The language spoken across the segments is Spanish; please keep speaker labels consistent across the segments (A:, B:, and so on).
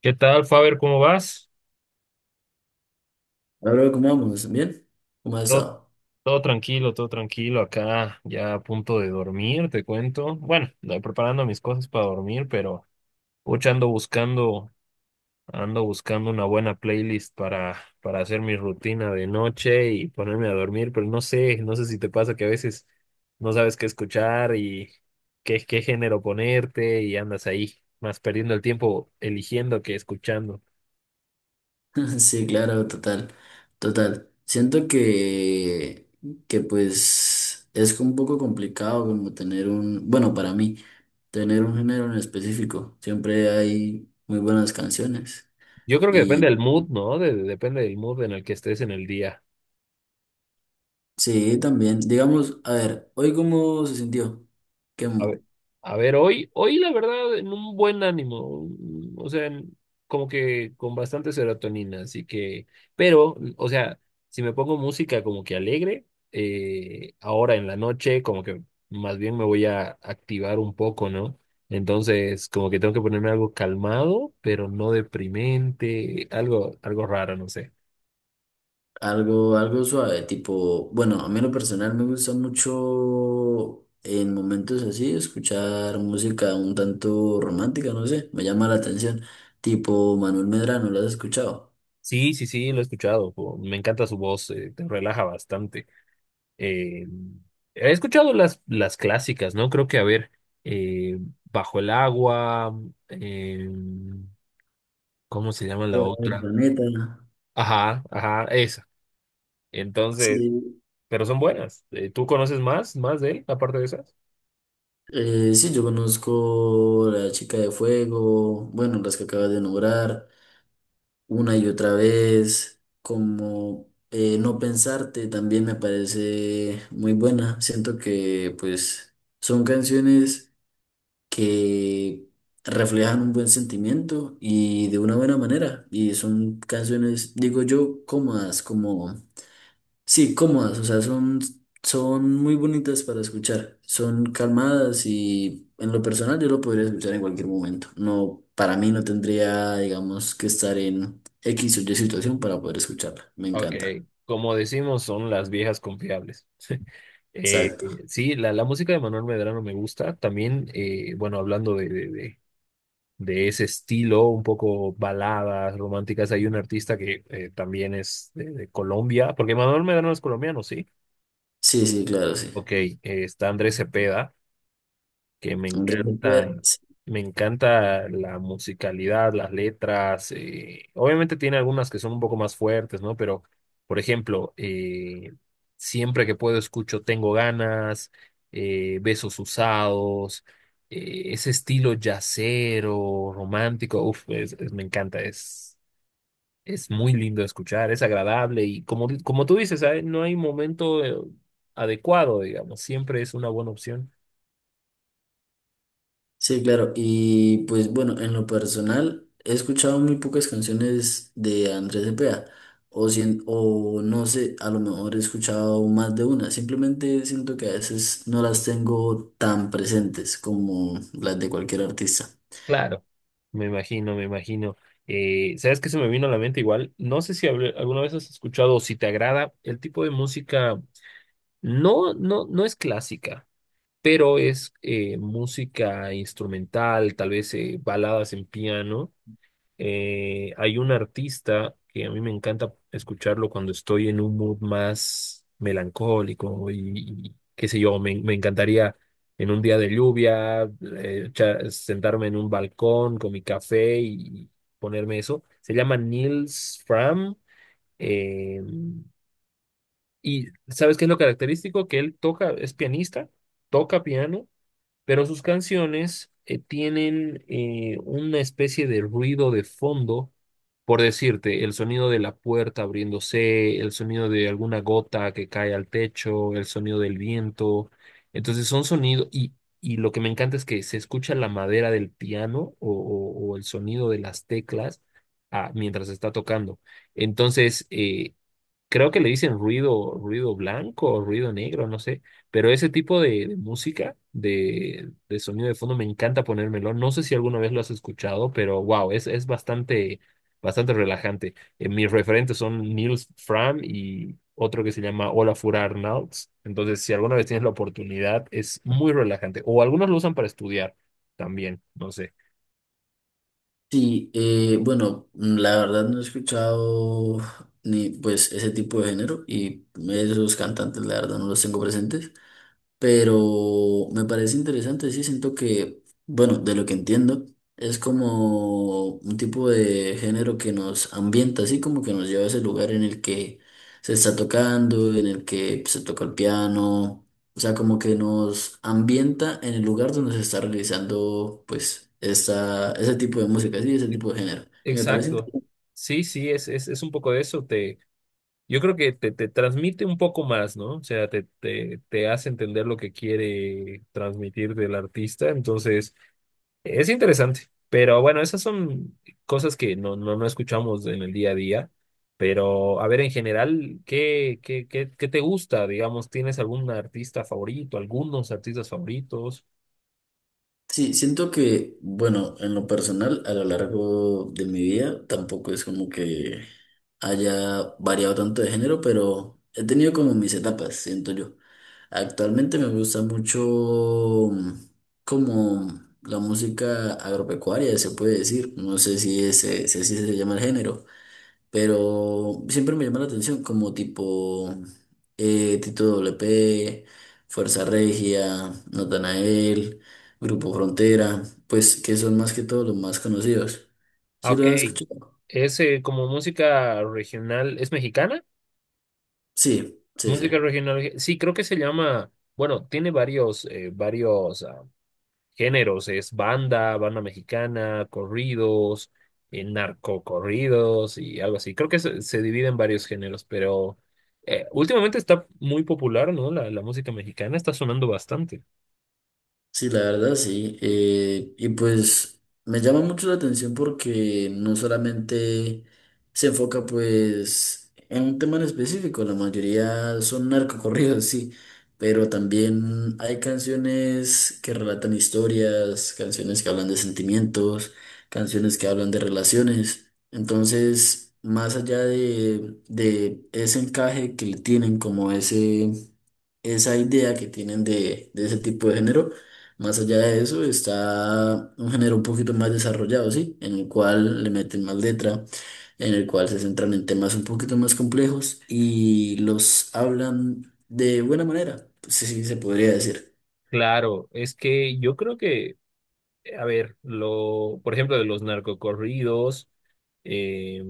A: ¿Qué tal, Faber? ¿Cómo vas?
B: Hola, bro, ¿cómo vamos? ¿Bien? ¿Cómo has
A: Todo,
B: estado?
A: todo tranquilo, todo tranquilo. Acá ya a punto de dormir, te cuento. Bueno, estoy preparando mis cosas para dormir, pero pucha, ando buscando una buena playlist para hacer mi rutina de noche y ponerme a dormir, pero no sé, no sé si te pasa que a veces no sabes qué escuchar y qué género ponerte y andas ahí más perdiendo el tiempo eligiendo que escuchando.
B: Sí, claro, total, total. Siento que pues es un poco complicado como tener bueno, para mí, tener un género en específico. Siempre hay muy buenas canciones.
A: Yo creo que depende
B: Y
A: del mood, ¿no? Depende del mood en el que estés en el día.
B: sí, también, digamos, a ver, ¿hoy cómo se sintió? ¿Qué,
A: A ver, a ver, hoy, hoy la verdad, en un buen ánimo, o sea, como que con bastante serotonina, así que, pero, o sea, si me pongo música como que alegre, ahora en la noche, como que más bien me voy a activar un poco, ¿no? Entonces, como que tengo que ponerme algo calmado, pero no deprimente, algo, algo raro, no sé.
B: Algo, algo suave, tipo, bueno, a mí en lo personal me gusta mucho en momentos así escuchar música un tanto romántica, no sé, me llama la atención, tipo Manuel Medrano, ¿lo has escuchado?
A: Sí, sí, sí, lo he escuchado, po, me encanta su voz, te relaja bastante. Eh, He escuchado las clásicas, ¿no? Creo que, a ver, eh, Bajo el agua, eh, ¿cómo se llama la
B: Fuera del
A: otra?
B: planeta.
A: Ajá, ajá, esa. Entonces,
B: Sí,
A: pero son buenas. ¿Tú conoces más, más de él, aparte de esas?
B: sí, yo conozco La Chica de Fuego, bueno, las que acabas de nombrar, una y otra vez, como No Pensarte también me parece muy buena, siento que pues son canciones que reflejan un buen sentimiento y de una buena manera. Y son canciones, digo yo, cómodas, como, sí, cómodas, o sea, son, son muy bonitas para escuchar, son calmadas y en lo personal yo lo podría escuchar en cualquier momento. No, para mí no tendría, digamos, que estar en X o Y situación para poder escucharla. Me
A: Ok,
B: encanta.
A: como decimos, son las viejas confiables.
B: Exacto.
A: Sí, la música de Manuel Medrano me gusta. También, bueno, hablando de ese estilo, un poco baladas románticas. Hay un artista que también es de Colombia, porque Manuel Medrano es colombiano, ¿sí?
B: Sí, sí, claro, sí.
A: Ok, está Andrés Cepeda, que
B: Andrés.
A: me encanta la musicalidad, las letras. Eh, obviamente tiene algunas que son un poco más fuertes, ¿no? Pero, por ejemplo, siempre que puedo escucho Tengo ganas, Besos usados, ese estilo yacero, romántico, uf, me encanta, es... Es muy lindo de escuchar, es agradable y como, como tú dices, ¿sabes? No hay momento adecuado, digamos, siempre es una buena opción.
B: Sí, claro. Y pues bueno, en lo personal, he escuchado muy pocas canciones de Andrés Cepeda. O no sé, a lo mejor he escuchado más de una. Simplemente siento que a veces no las tengo tan presentes como las de cualquier artista.
A: Claro, me imagino, me imagino. ¿Sabes qué se me vino a la mente igual? No sé si alguna vez has escuchado o si te agrada el tipo de música, no, no, no es clásica, pero es música instrumental, tal vez baladas en piano. Hay un artista que a mí me encanta escucharlo cuando estoy en un mood más melancólico y qué sé yo, me encantaría en un día de lluvia sentarme en un balcón con mi café y ponerme eso. Se llama Nils Fram. eh, y ¿sabes qué es lo característico? Que él toca, es pianista, toca piano, pero sus canciones tienen una especie de ruido de fondo, por decirte, el sonido de la puerta abriéndose, el sonido de alguna gota que cae al techo, el sonido del viento. Entonces son sonidos y lo que me encanta es que se escucha la madera del piano o el sonido de las teclas mientras está tocando. Entonces, creo que le dicen ruido, ruido blanco o ruido negro, no sé, pero ese tipo de música, de sonido de fondo, me encanta ponérmelo. No sé si alguna vez lo has escuchado, pero wow, es bastante, bastante relajante. Mis referentes son Niels Fram y otro que se llama Olafur Arnalds. Entonces, si alguna vez tienes la oportunidad, es muy relajante. O algunos lo usan para estudiar también, no sé.
B: Sí, bueno, la verdad no he escuchado ni pues ese tipo de género y esos cantantes la verdad no los tengo presentes. Pero me parece interesante, sí, siento que, bueno, de lo que entiendo, es como un tipo de género que nos ambienta, así como que nos lleva a ese lugar en el que se está tocando, en el que se toca el piano, o sea, como que nos ambienta en el lugar donde se está realizando, pues, esa, ese tipo de música, sí, ese tipo de género. Y me parece
A: Exacto.
B: interesante.
A: Sí, sí, es un poco de eso. Yo creo que te transmite un poco más, ¿no? O sea, te hace entender lo que quiere transmitir del artista. Entonces, es interesante. Pero bueno, esas son cosas que no, no, no escuchamos en el día a día. Pero, a ver, en general, qué te gusta? Digamos, ¿tienes algún artista favorito, algunos artistas favoritos?
B: Sí, siento que, bueno, en lo personal, a lo largo de mi vida, tampoco es como que haya variado tanto de género, pero he tenido como mis etapas, siento yo. Actualmente me gusta mucho mm, como la música agropecuaria, se puede decir. No sé si ese, si así se llama el género, pero siempre me llama la atención como tipo Tito doble P, Fuerza Regia, Natanael, Grupo Frontera, pues que son más que todo los más conocidos.
A: Ah,
B: ¿Sí
A: ok.
B: lo has escuchado?
A: ¿Es como música regional? ¿Es mexicana?
B: Sí, sí,
A: Música
B: sí.
A: regional. Sí, creo que se llama. Bueno, tiene varios, varios. Ah, géneros, es banda, banda mexicana, corridos, narcocorridos y algo así. Creo que se divide en varios géneros, pero últimamente está muy popular, ¿no? La música mexicana está sonando bastante.
B: Sí, la verdad, sí. Y pues me llama mucho la atención porque no solamente se enfoca pues en un tema en específico, la mayoría son narcocorridos, sí, pero también hay canciones que relatan historias, canciones que hablan de sentimientos, canciones que hablan de relaciones. Entonces, más allá de ese encaje que le tienen como ese esa idea que tienen de ese tipo de género. Más allá de eso, está un género un poquito más desarrollado, ¿sí? En el cual le meten más letra, en el cual se centran en temas un poquito más complejos y los hablan de buena manera, pues sí, se podría decir.
A: Claro, es que yo creo que, a ver, lo, por ejemplo, de los narcocorridos, eh,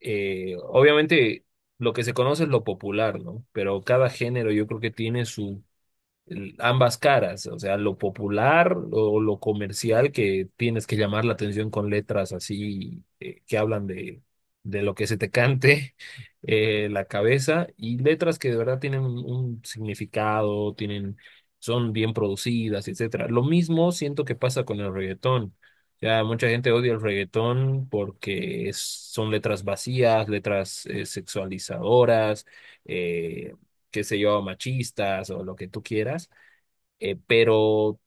A: obviamente lo que se conoce es lo popular, ¿no? Pero cada género yo creo que tiene su ambas caras, o sea, lo popular o lo comercial que tienes que llamar la atención con letras así que hablan de lo que se te cante la cabeza y letras que de verdad tienen un significado, tienen, son bien producidas, etcétera. Lo mismo siento que pasa con el reggaetón. Ya mucha gente odia el reggaetón porque son letras vacías, letras sexualizadoras, eh, qué sé yo, machistas o lo que tú quieras, pero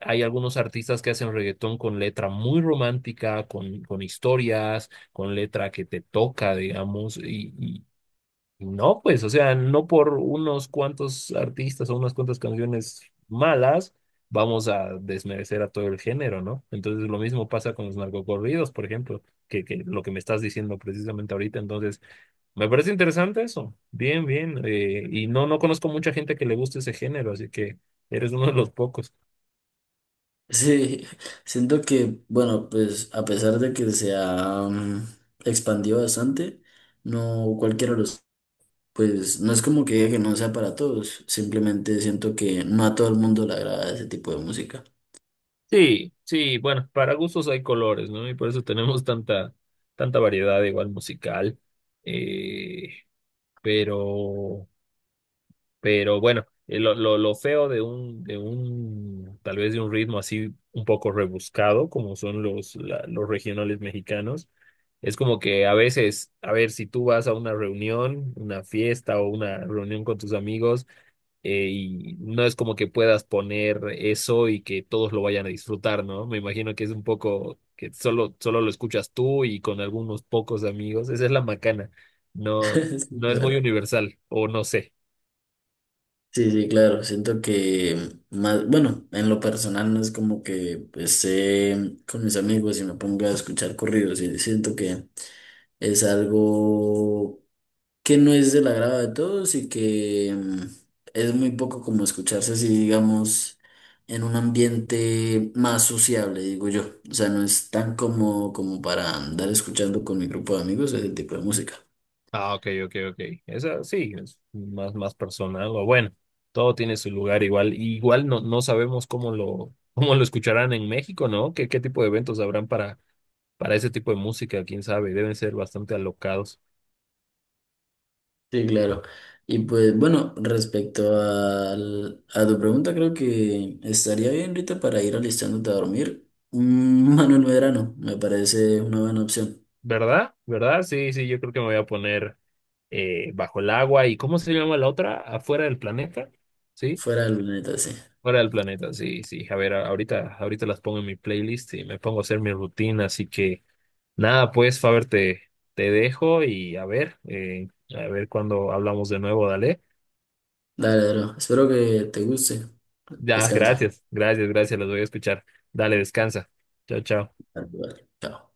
A: hay algunos artistas que hacen reggaetón con letra muy romántica, con historias, con letra que te toca, digamos, y no, pues, o sea, no por unos cuantos artistas o unas cuantas canciones malas vamos a desmerecer a todo el género, ¿no? Entonces lo mismo pasa con los narcocorridos, por ejemplo, que lo que me estás diciendo precisamente ahorita, entonces me parece interesante eso, bien, bien, y no, no conozco mucha gente que le guste ese género, así que eres uno de los pocos.
B: Sí, siento que, bueno, pues a pesar de que se ha expandido bastante, no cualquiera lo. Pues no es como que diga que no sea para todos, simplemente siento que no a todo el mundo le agrada ese tipo de música.
A: Sí, sí, bueno, para gustos hay colores, ¿no? Y por eso tenemos tanta, tanta variedad igual musical. Eh, pero, pero bueno, lo feo tal vez de un ritmo así un poco rebuscado, como son los, los regionales mexicanos, es como que a veces, a ver, si tú vas a una reunión, una fiesta o una reunión con tus amigos, y no es como que puedas poner eso y que todos lo vayan a disfrutar, ¿no? Me imagino que es un poco que solo, solo lo escuchas tú y con algunos pocos amigos. Esa es la macana. No,
B: Sí,
A: no es
B: claro.
A: muy universal, o no sé.
B: Sí, sí, claro, siento que más, bueno, en lo personal no es como que pues, esté con mis amigos y me ponga a escuchar corridos, y siento que es algo que no es del agrado de todos y que es muy poco como escucharse así, digamos, en un ambiente más sociable, digo yo. O sea, no es tan como, para andar escuchando con mi grupo de amigos ese tipo de música.
A: Ah, ok, ok, ok. Esa sí, es más, más personal. O bueno, todo tiene su lugar igual. Y igual no, no sabemos cómo lo, cómo lo escucharán en México, ¿no? Qué tipo de eventos habrán para ese tipo de música? ¿Quién sabe? Deben ser bastante alocados.
B: Sí, claro. Y pues bueno, respecto a tu pregunta, creo que estaría bien, Rita, para ir alistándote a dormir. Manuel Medrano, me parece una buena opción.
A: ¿Verdad? ¿Verdad? Sí, sí, yo creo que me voy a poner bajo el agua. ¿Y cómo se llama la otra? ¿Afuera del planeta? ¿Sí?
B: Fuera del planeta, sí.
A: Fuera del planeta, sí, sí. A ver, ahorita, ahorita las pongo en mi playlist y me pongo a hacer mi rutina. Así que nada, pues, Faber, te dejo y a ver cuando hablamos de nuevo, dale.
B: Dale, bro. Espero que te guste.
A: Ya,
B: Descansa.
A: gracias, gracias, gracias, los voy a escuchar. Dale, descansa. Chao, chao.
B: Tal cual. Chao.